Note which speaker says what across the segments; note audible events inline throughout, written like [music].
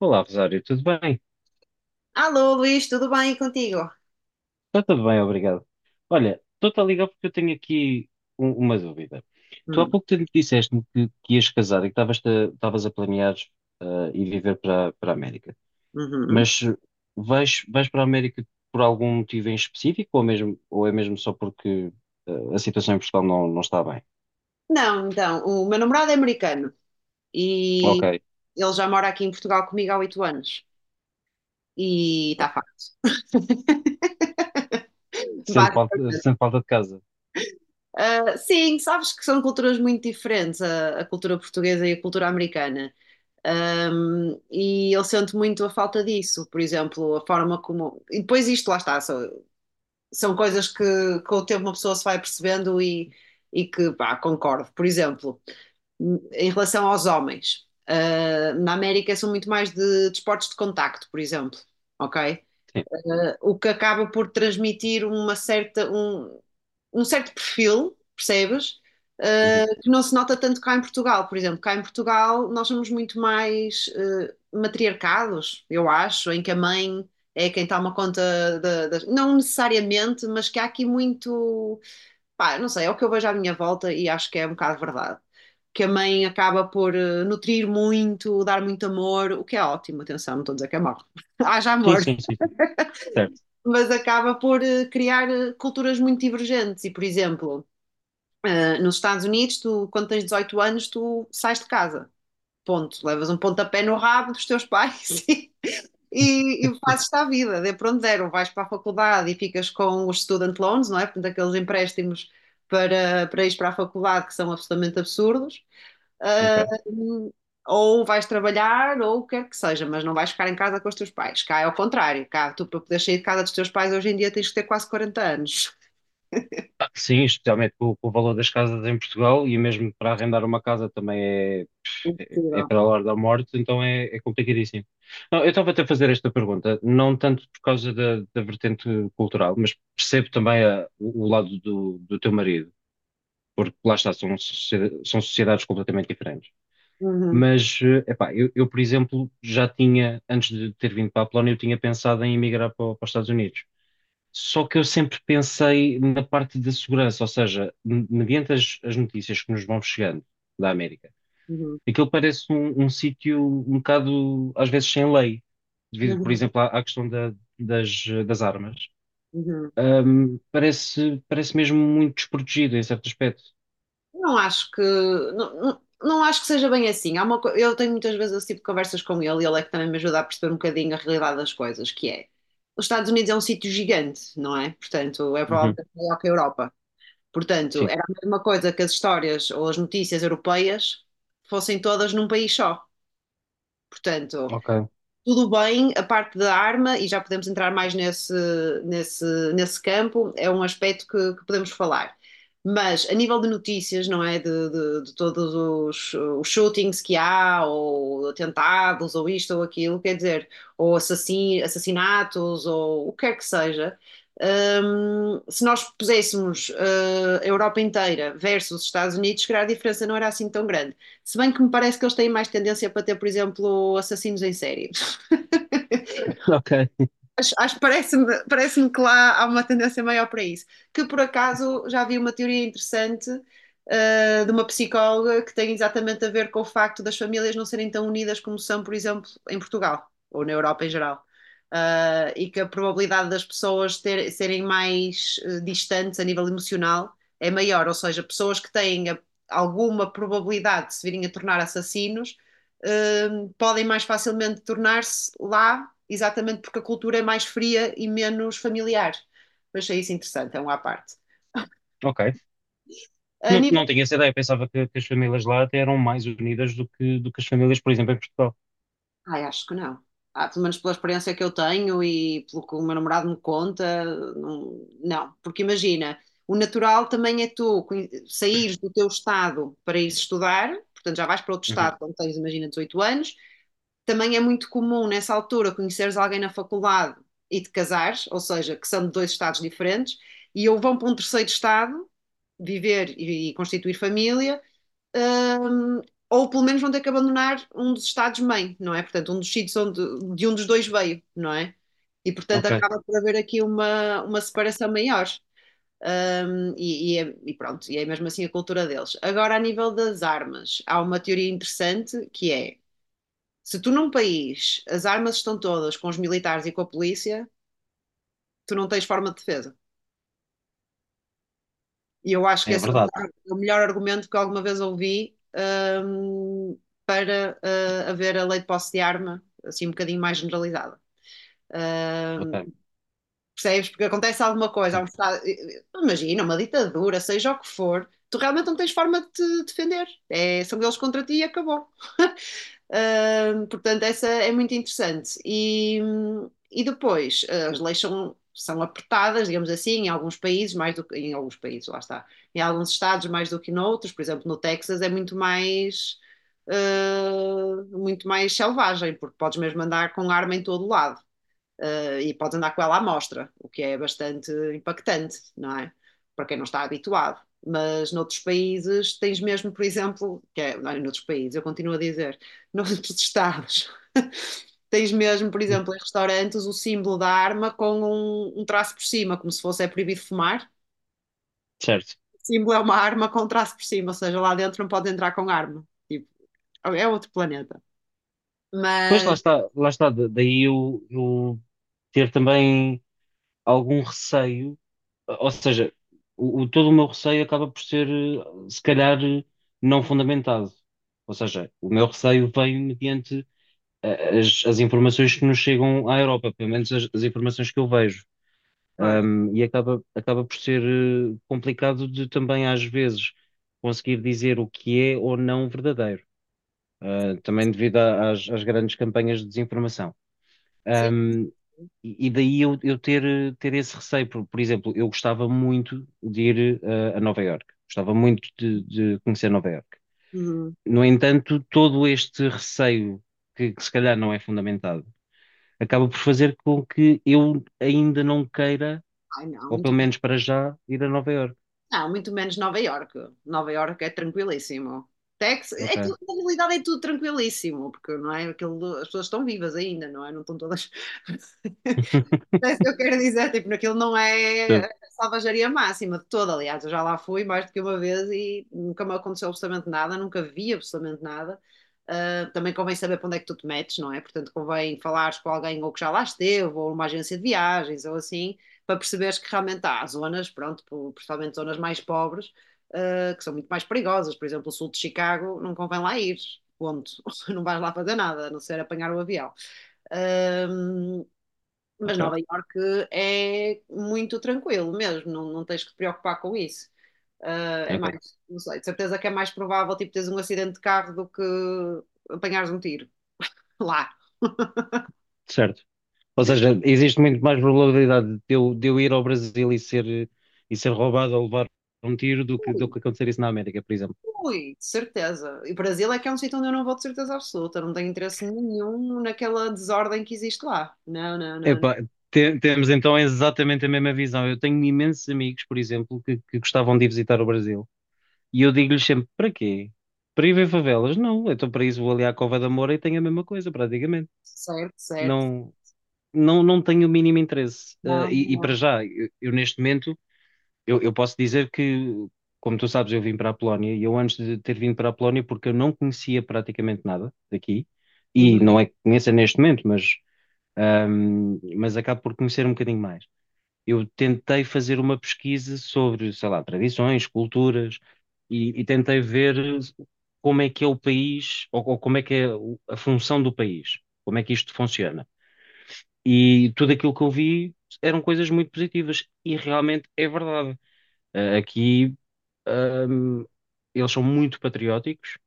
Speaker 1: Olá, Rosário, tudo bem?
Speaker 2: Alô, Luís, tudo bem contigo?
Speaker 1: Está tudo bem, obrigado. Olha, estou-te a ligar porque eu tenho aqui uma dúvida. Tu há
Speaker 2: Hum,
Speaker 1: pouco tempo disseste-me que ias casar e que estavas a planear eh, ir viver para a América.
Speaker 2: uhum.
Speaker 1: Mas vais para a América por algum motivo em específico ou, mesmo, ou é mesmo só porque a situação em Portugal não está bem?
Speaker 2: Não, então, o meu namorado é americano
Speaker 1: Ok,
Speaker 2: e ele já mora aqui em Portugal comigo há 8 anos. E está
Speaker 1: ok.
Speaker 2: fácil. Basi-
Speaker 1: Sente falta de casa?
Speaker 2: Ah, sim, sabes que são culturas muito diferentes, a cultura portuguesa e a cultura americana. E eu sinto muito a falta disso, por exemplo, a forma como. E depois isto, lá está, são coisas que com o tempo uma pessoa se vai percebendo e que, pá, concordo. Por exemplo, em relação aos homens. Ah, na América são muito mais de desportos de contacto, por exemplo, ok?
Speaker 1: Sim.
Speaker 2: Ah, o que acaba por transmitir uma certa, um certo perfil, percebes?
Speaker 1: Uhum.
Speaker 2: Ah, que não se nota tanto cá em Portugal, por exemplo. Cá em Portugal nós somos muito mais matriarcados, eu acho, em que a mãe é quem toma conta das. Não necessariamente, mas que há aqui muito. Pá, não sei, é o que eu vejo à minha volta e acho que é um bocado verdade que a mãe acaba por nutrir muito, dar muito amor, o que é ótimo, atenção, não estou a dizer que é mau. [laughs] Haja
Speaker 1: Sim,
Speaker 2: amor,
Speaker 1: sim, sim, sim. Certo.
Speaker 2: mas acaba por criar culturas muito divergentes. E, por exemplo, nos Estados Unidos, tu, quando tens 18 anos, tu sais de casa, ponto. Levas um pontapé no rabo dos teus pais [laughs] e fazes-te à vida, dê para onde der, ou vais para a faculdade e ficas com os student loans, não é? Portanto, aqueles empréstimos para ir para a faculdade que são absolutamente absurdos.
Speaker 1: Ok.
Speaker 2: Hum, ou vais trabalhar, ou o que quer que seja, mas não vais ficar em casa com os teus pais. Cá é ao contrário, cá tu para poder sair de casa dos teus pais hoje em dia tens que ter quase 40 anos.
Speaker 1: Ah, sim, especialmente com o valor das casas em Portugal e mesmo para arrendar uma casa também é
Speaker 2: Possível.
Speaker 1: para a hora da morte, então é complicadíssimo. Não, eu estava até a fazer esta pergunta, não tanto por causa da vertente cultural, mas percebo também o lado do teu marido, porque lá está, são, são sociedades completamente diferentes.
Speaker 2: Uhum,
Speaker 1: Mas, epá, eu, por exemplo, já tinha, antes de ter vindo para a Polónia, eu tinha pensado em emigrar para os Estados Unidos. Só que eu sempre pensei na parte da segurança, ou seja, mediante as notícias que nos vão chegando da América,
Speaker 2: uhum,
Speaker 1: aquilo parece um, um sítio um bocado, às vezes, sem lei, devido, por
Speaker 2: uhum,
Speaker 1: exemplo, à questão das armas.
Speaker 2: uhum.
Speaker 1: Parece, parece mesmo muito desprotegido em certo aspecto.
Speaker 2: Não acho que não, não, não acho que seja bem assim. Eu tenho muitas vezes esse tipo de conversas com ele e ele é que também me ajuda a perceber um bocadinho a realidade das coisas, que é os Estados Unidos é um sítio gigante, não é? Portanto, é
Speaker 1: Uhum,
Speaker 2: provavelmente maior que a Europa. Portanto,
Speaker 1: sim,
Speaker 2: era a mesma coisa que as histórias ou as notícias europeias fossem todas num país só. Portanto,
Speaker 1: ok.
Speaker 2: tudo bem, a parte da arma, e já podemos entrar mais nesse, nesse campo, é um aspecto que podemos falar. Mas a nível de notícias, não é? De todos os shootings que há, ou atentados, ou isto ou aquilo, quer dizer, ou assassinatos, ou o que quer que seja, se nós puséssemos, a Europa inteira versus os Estados Unidos, se calhar a diferença não era assim tão grande. Se bem que me parece que eles têm mais tendência para ter, por exemplo, assassinos em série.
Speaker 1: Ok.
Speaker 2: Parece-me que lá há uma tendência maior para isso. Que por acaso já vi uma teoria interessante, de uma psicóloga que tem exatamente a ver com o facto das famílias não serem tão unidas como são, por exemplo, em Portugal ou na Europa em geral. Ah, e que a probabilidade das pessoas serem mais distantes a nível emocional é maior, ou seja, pessoas que têm alguma probabilidade de se virem a tornar assassinos eh, podem mais facilmente tornar-se lá, exatamente porque a cultura é mais fria e menos familiar. Mas achei isso interessante, é um à parte.
Speaker 1: Ok.
Speaker 2: A
Speaker 1: Não,
Speaker 2: nível.
Speaker 1: não tinha essa ideia. Pensava que as famílias lá até eram mais unidas do do que as famílias, por exemplo, em Portugal.
Speaker 2: Ai, acho que não. Ah, pelo menos pela experiência que eu tenho e pelo que o meu namorado me conta, não, não. Porque imagina, o natural também é tu saíres do teu estado para ir estudar, portanto já vais para outro
Speaker 1: Uhum.
Speaker 2: estado quando tens, imagina, 18 anos. Também é muito comum nessa altura conheceres alguém na faculdade e te casares, ou seja, que são de dois estados diferentes, e ou vão para um terceiro estado viver e constituir família. Hum, ou pelo menos vão ter que abandonar um dos estados-mãe, não é? Portanto, um dos sítios onde, de um dos dois veio, não é? E portanto
Speaker 1: Ok.
Speaker 2: acaba por haver aqui uma, separação maior. E pronto, e é mesmo assim a cultura deles. Agora, a nível das armas, há uma teoria interessante que é se tu num país as armas estão todas com os militares e com a polícia, tu não tens forma de defesa. E eu acho que
Speaker 1: É
Speaker 2: esse
Speaker 1: verdade.
Speaker 2: é o melhor argumento que alguma vez ouvi, hum, para haver a lei de posse de arma assim um bocadinho mais generalizada. Hum,
Speaker 1: Ok.
Speaker 2: percebes? Porque acontece alguma coisa, há um
Speaker 1: Sim.
Speaker 2: Estado, imagina, uma ditadura, seja o que for, tu realmente não tens forma de te defender. É, são eles contra ti e acabou. [laughs] Portanto, essa é muito interessante. E depois, as leis são apertadas, digamos assim, em alguns países, mais do que em alguns países, lá está, em alguns estados mais do que noutros, por exemplo, no Texas é muito mais. Muito mais selvagem, porque podes mesmo andar com arma em todo lado, e pode andar com ela à mostra, o que é bastante impactante, não é? Para quem não está habituado. Mas noutros países tens mesmo, por exemplo, que é, não, é noutros países, eu continuo a dizer, [laughs] noutros estados, tens mesmo, por exemplo, em restaurantes, o símbolo da arma com um traço por cima, como se fosse é proibido fumar.
Speaker 1: Certo.
Speaker 2: O símbolo é uma arma com um traço por cima, ou seja, lá dentro não pode entrar com arma. Tipo, é outro planeta.
Speaker 1: Pois
Speaker 2: Mas,
Speaker 1: lá está, daí eu ter também algum receio, ou seja, todo o meu receio acaba por ser, se calhar, não fundamentado. Ou seja, o meu receio vem mediante as informações que nos chegam à Europa, pelo menos as informações que eu vejo.
Speaker 2: pois,
Speaker 1: E acaba, acaba por ser, complicado de também, às vezes, conseguir dizer o que é ou não verdadeiro. Também devido às, às grandes campanhas de desinformação.
Speaker 2: sim.
Speaker 1: Um, e e daí eu ter, ter esse receio. Por exemplo, eu gostava muito de ir a Nova Iorque, gostava muito de conhecer Nova Iorque.
Speaker 2: Uhum.
Speaker 1: No entanto, todo este receio, que se calhar não é fundamentado, acaba por fazer com que eu ainda não queira,
Speaker 2: Ai, não,
Speaker 1: ou
Speaker 2: muito.
Speaker 1: pelo menos para já, ir a Nova Iorque.
Speaker 2: Não, muito menos Nova Iorque. Nova Iorque é tranquilíssimo. Texas, é tudo,
Speaker 1: Ok,
Speaker 2: na realidade é tudo tranquilíssimo, porque não é aquilo, as pessoas estão vivas ainda, não é? Não estão todas. [laughs] É isso que eu quero dizer, tipo, naquilo não é
Speaker 1: percebo.
Speaker 2: a salvajaria máxima de toda, aliás, eu já lá fui mais do que uma vez e nunca me aconteceu absolutamente nada, nunca vi absolutamente nada. Ah, também convém saber para onde é que tu te metes, não é? Portanto, convém falares com alguém ou que já lá esteve, ou uma agência de viagens, ou assim, para perceberes que realmente há zonas, pronto, principalmente zonas mais pobres, que são muito mais perigosas. Por exemplo, o sul de Chicago, não convém lá ir, ponto. [laughs] Não vais lá fazer nada, a não ser apanhar o avião. Ahm, mas Nova
Speaker 1: Ok,
Speaker 2: Iorque é muito tranquilo mesmo, não, não tens que te preocupar com isso. Ah, é
Speaker 1: ok,
Speaker 2: mais, não sei, de certeza que é mais provável tipo teres um acidente de carro do que apanhares um tiro [laughs] lá.
Speaker 1: certo. Ou seja, existe muito mais probabilidade de eu ir ao Brasil e ser roubado ou levar um tiro do do
Speaker 2: Ui,
Speaker 1: que acontecer isso na América, por exemplo.
Speaker 2: ui, de certeza. E o Brasil é que é um sítio onde eu não vou de certeza absoluta, não tenho interesse nenhum naquela desordem que existe lá. Não, não, não, não.
Speaker 1: Epá, temos então exatamente a mesma visão. Eu tenho imensos amigos, por exemplo, que gostavam de ir visitar o Brasil. E eu digo-lhes sempre, para quê? Para ir ver favelas? Não, então para isso vou ali à Cova da Moura e tenho a mesma coisa, praticamente.
Speaker 2: Certo, certo.
Speaker 1: Não, não, não tenho o mínimo interesse. Ah,
Speaker 2: Não, não,
Speaker 1: e para
Speaker 2: não.
Speaker 1: já, eu neste momento eu posso dizer que, como tu sabes, eu vim para a Polónia e eu antes de ter vindo para a Polónia, porque eu não conhecia praticamente nada daqui, e
Speaker 2: Uhum,
Speaker 1: não é que conheça neste momento, mas acabo por conhecer um bocadinho mais. Eu tentei fazer uma pesquisa sobre, sei lá, tradições, culturas, e tentei ver como é que é o país, ou como é que é a função do país, como é que isto funciona. E tudo aquilo que eu vi eram coisas muito positivas, e realmente é verdade. Aqui ahm, eles são muito patrióticos,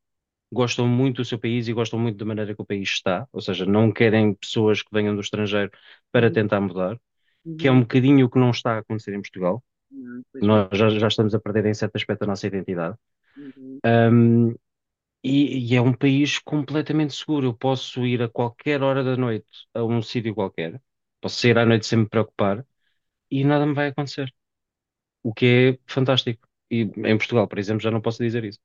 Speaker 1: gostam muito do seu país e gostam muito da maneira que o país está, ou seja, não querem pessoas que venham do estrangeiro para
Speaker 2: uhum,
Speaker 1: tentar mudar, que é um
Speaker 2: uhum.
Speaker 1: bocadinho o que não está a acontecer em Portugal.
Speaker 2: Não, infelizmente.
Speaker 1: Nós já, já estamos a perder em certo aspecto a nossa identidade.
Speaker 2: Uhum.
Speaker 1: Ahm, e é um país completamente seguro. Eu posso ir a qualquer hora da noite a um sítio qualquer, posso sair à noite sem me preocupar e nada me vai acontecer, o que é fantástico. E em Portugal, por exemplo, já não posso dizer isso.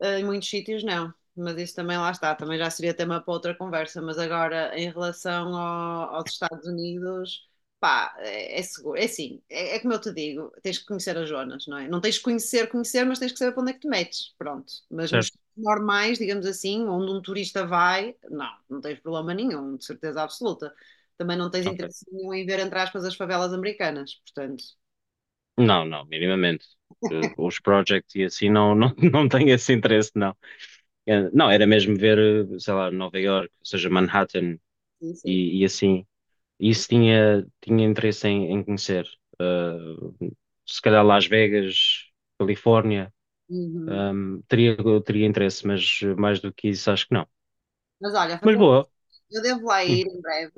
Speaker 2: Ah, em muitos sítios não, mas isso também lá está, também já seria tema para outra conversa, mas agora em relação aos Estados Unidos, pá, é, é seguro, é assim, é como eu te digo, tens que conhecer as zonas, não é? Não tens que conhecer, conhecer, mas tens que saber para onde é que te metes, pronto. Mas nos
Speaker 1: Certo.
Speaker 2: sítios normais, digamos assim, onde um turista vai, não, não tens problema nenhum, de certeza absoluta. Também não tens
Speaker 1: Ok.
Speaker 2: interesse nenhum em ver, entre aspas, as favelas americanas, portanto,
Speaker 1: Não, não, minimamente. Eh, os projects e assim não, não, [laughs] não tenho esse interesse, não. Eh, não, era mesmo ver, eh, sei lá, Nova York, ou seja, Manhattan
Speaker 2: sim, sim.
Speaker 1: e assim. Isso tinha, tinha interesse em, em conhecer. Eh, se calhar Las Vegas, Califórnia,
Speaker 2: Uhum.
Speaker 1: teria, teria interesse, mas eh, mais do que isso acho que não.
Speaker 2: Mas olha,
Speaker 1: Mas
Speaker 2: fazer
Speaker 1: boa,
Speaker 2: eu devo lá
Speaker 1: sim,
Speaker 2: ir em breve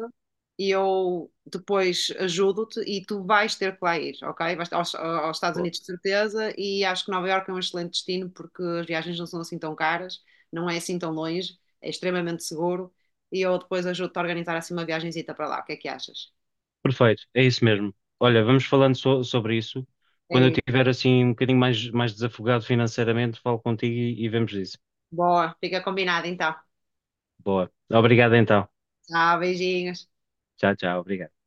Speaker 2: e eu depois ajudo-te e tu vais ter que lá ir, ok? Vais aos Estados
Speaker 1: boa.
Speaker 2: Unidos de certeza e acho que Nova Iorque é um excelente destino porque as viagens não são assim tão caras, não é assim tão longe, é extremamente seguro e eu depois ajudo-te a organizar assim uma viagenzita para lá. O que é que achas?
Speaker 1: Perfeito, é isso mesmo. Olha, vamos falando sobre isso.
Speaker 2: É
Speaker 1: Quando eu
Speaker 2: isso.
Speaker 1: tiver assim um bocadinho mais, mais desafogado financeiramente, falo contigo e vemos isso.
Speaker 2: Boa, fica combinado então.
Speaker 1: Boa. Obrigado então.
Speaker 2: Tchau, beijinhos.
Speaker 1: Tchau, tchau. Obrigado.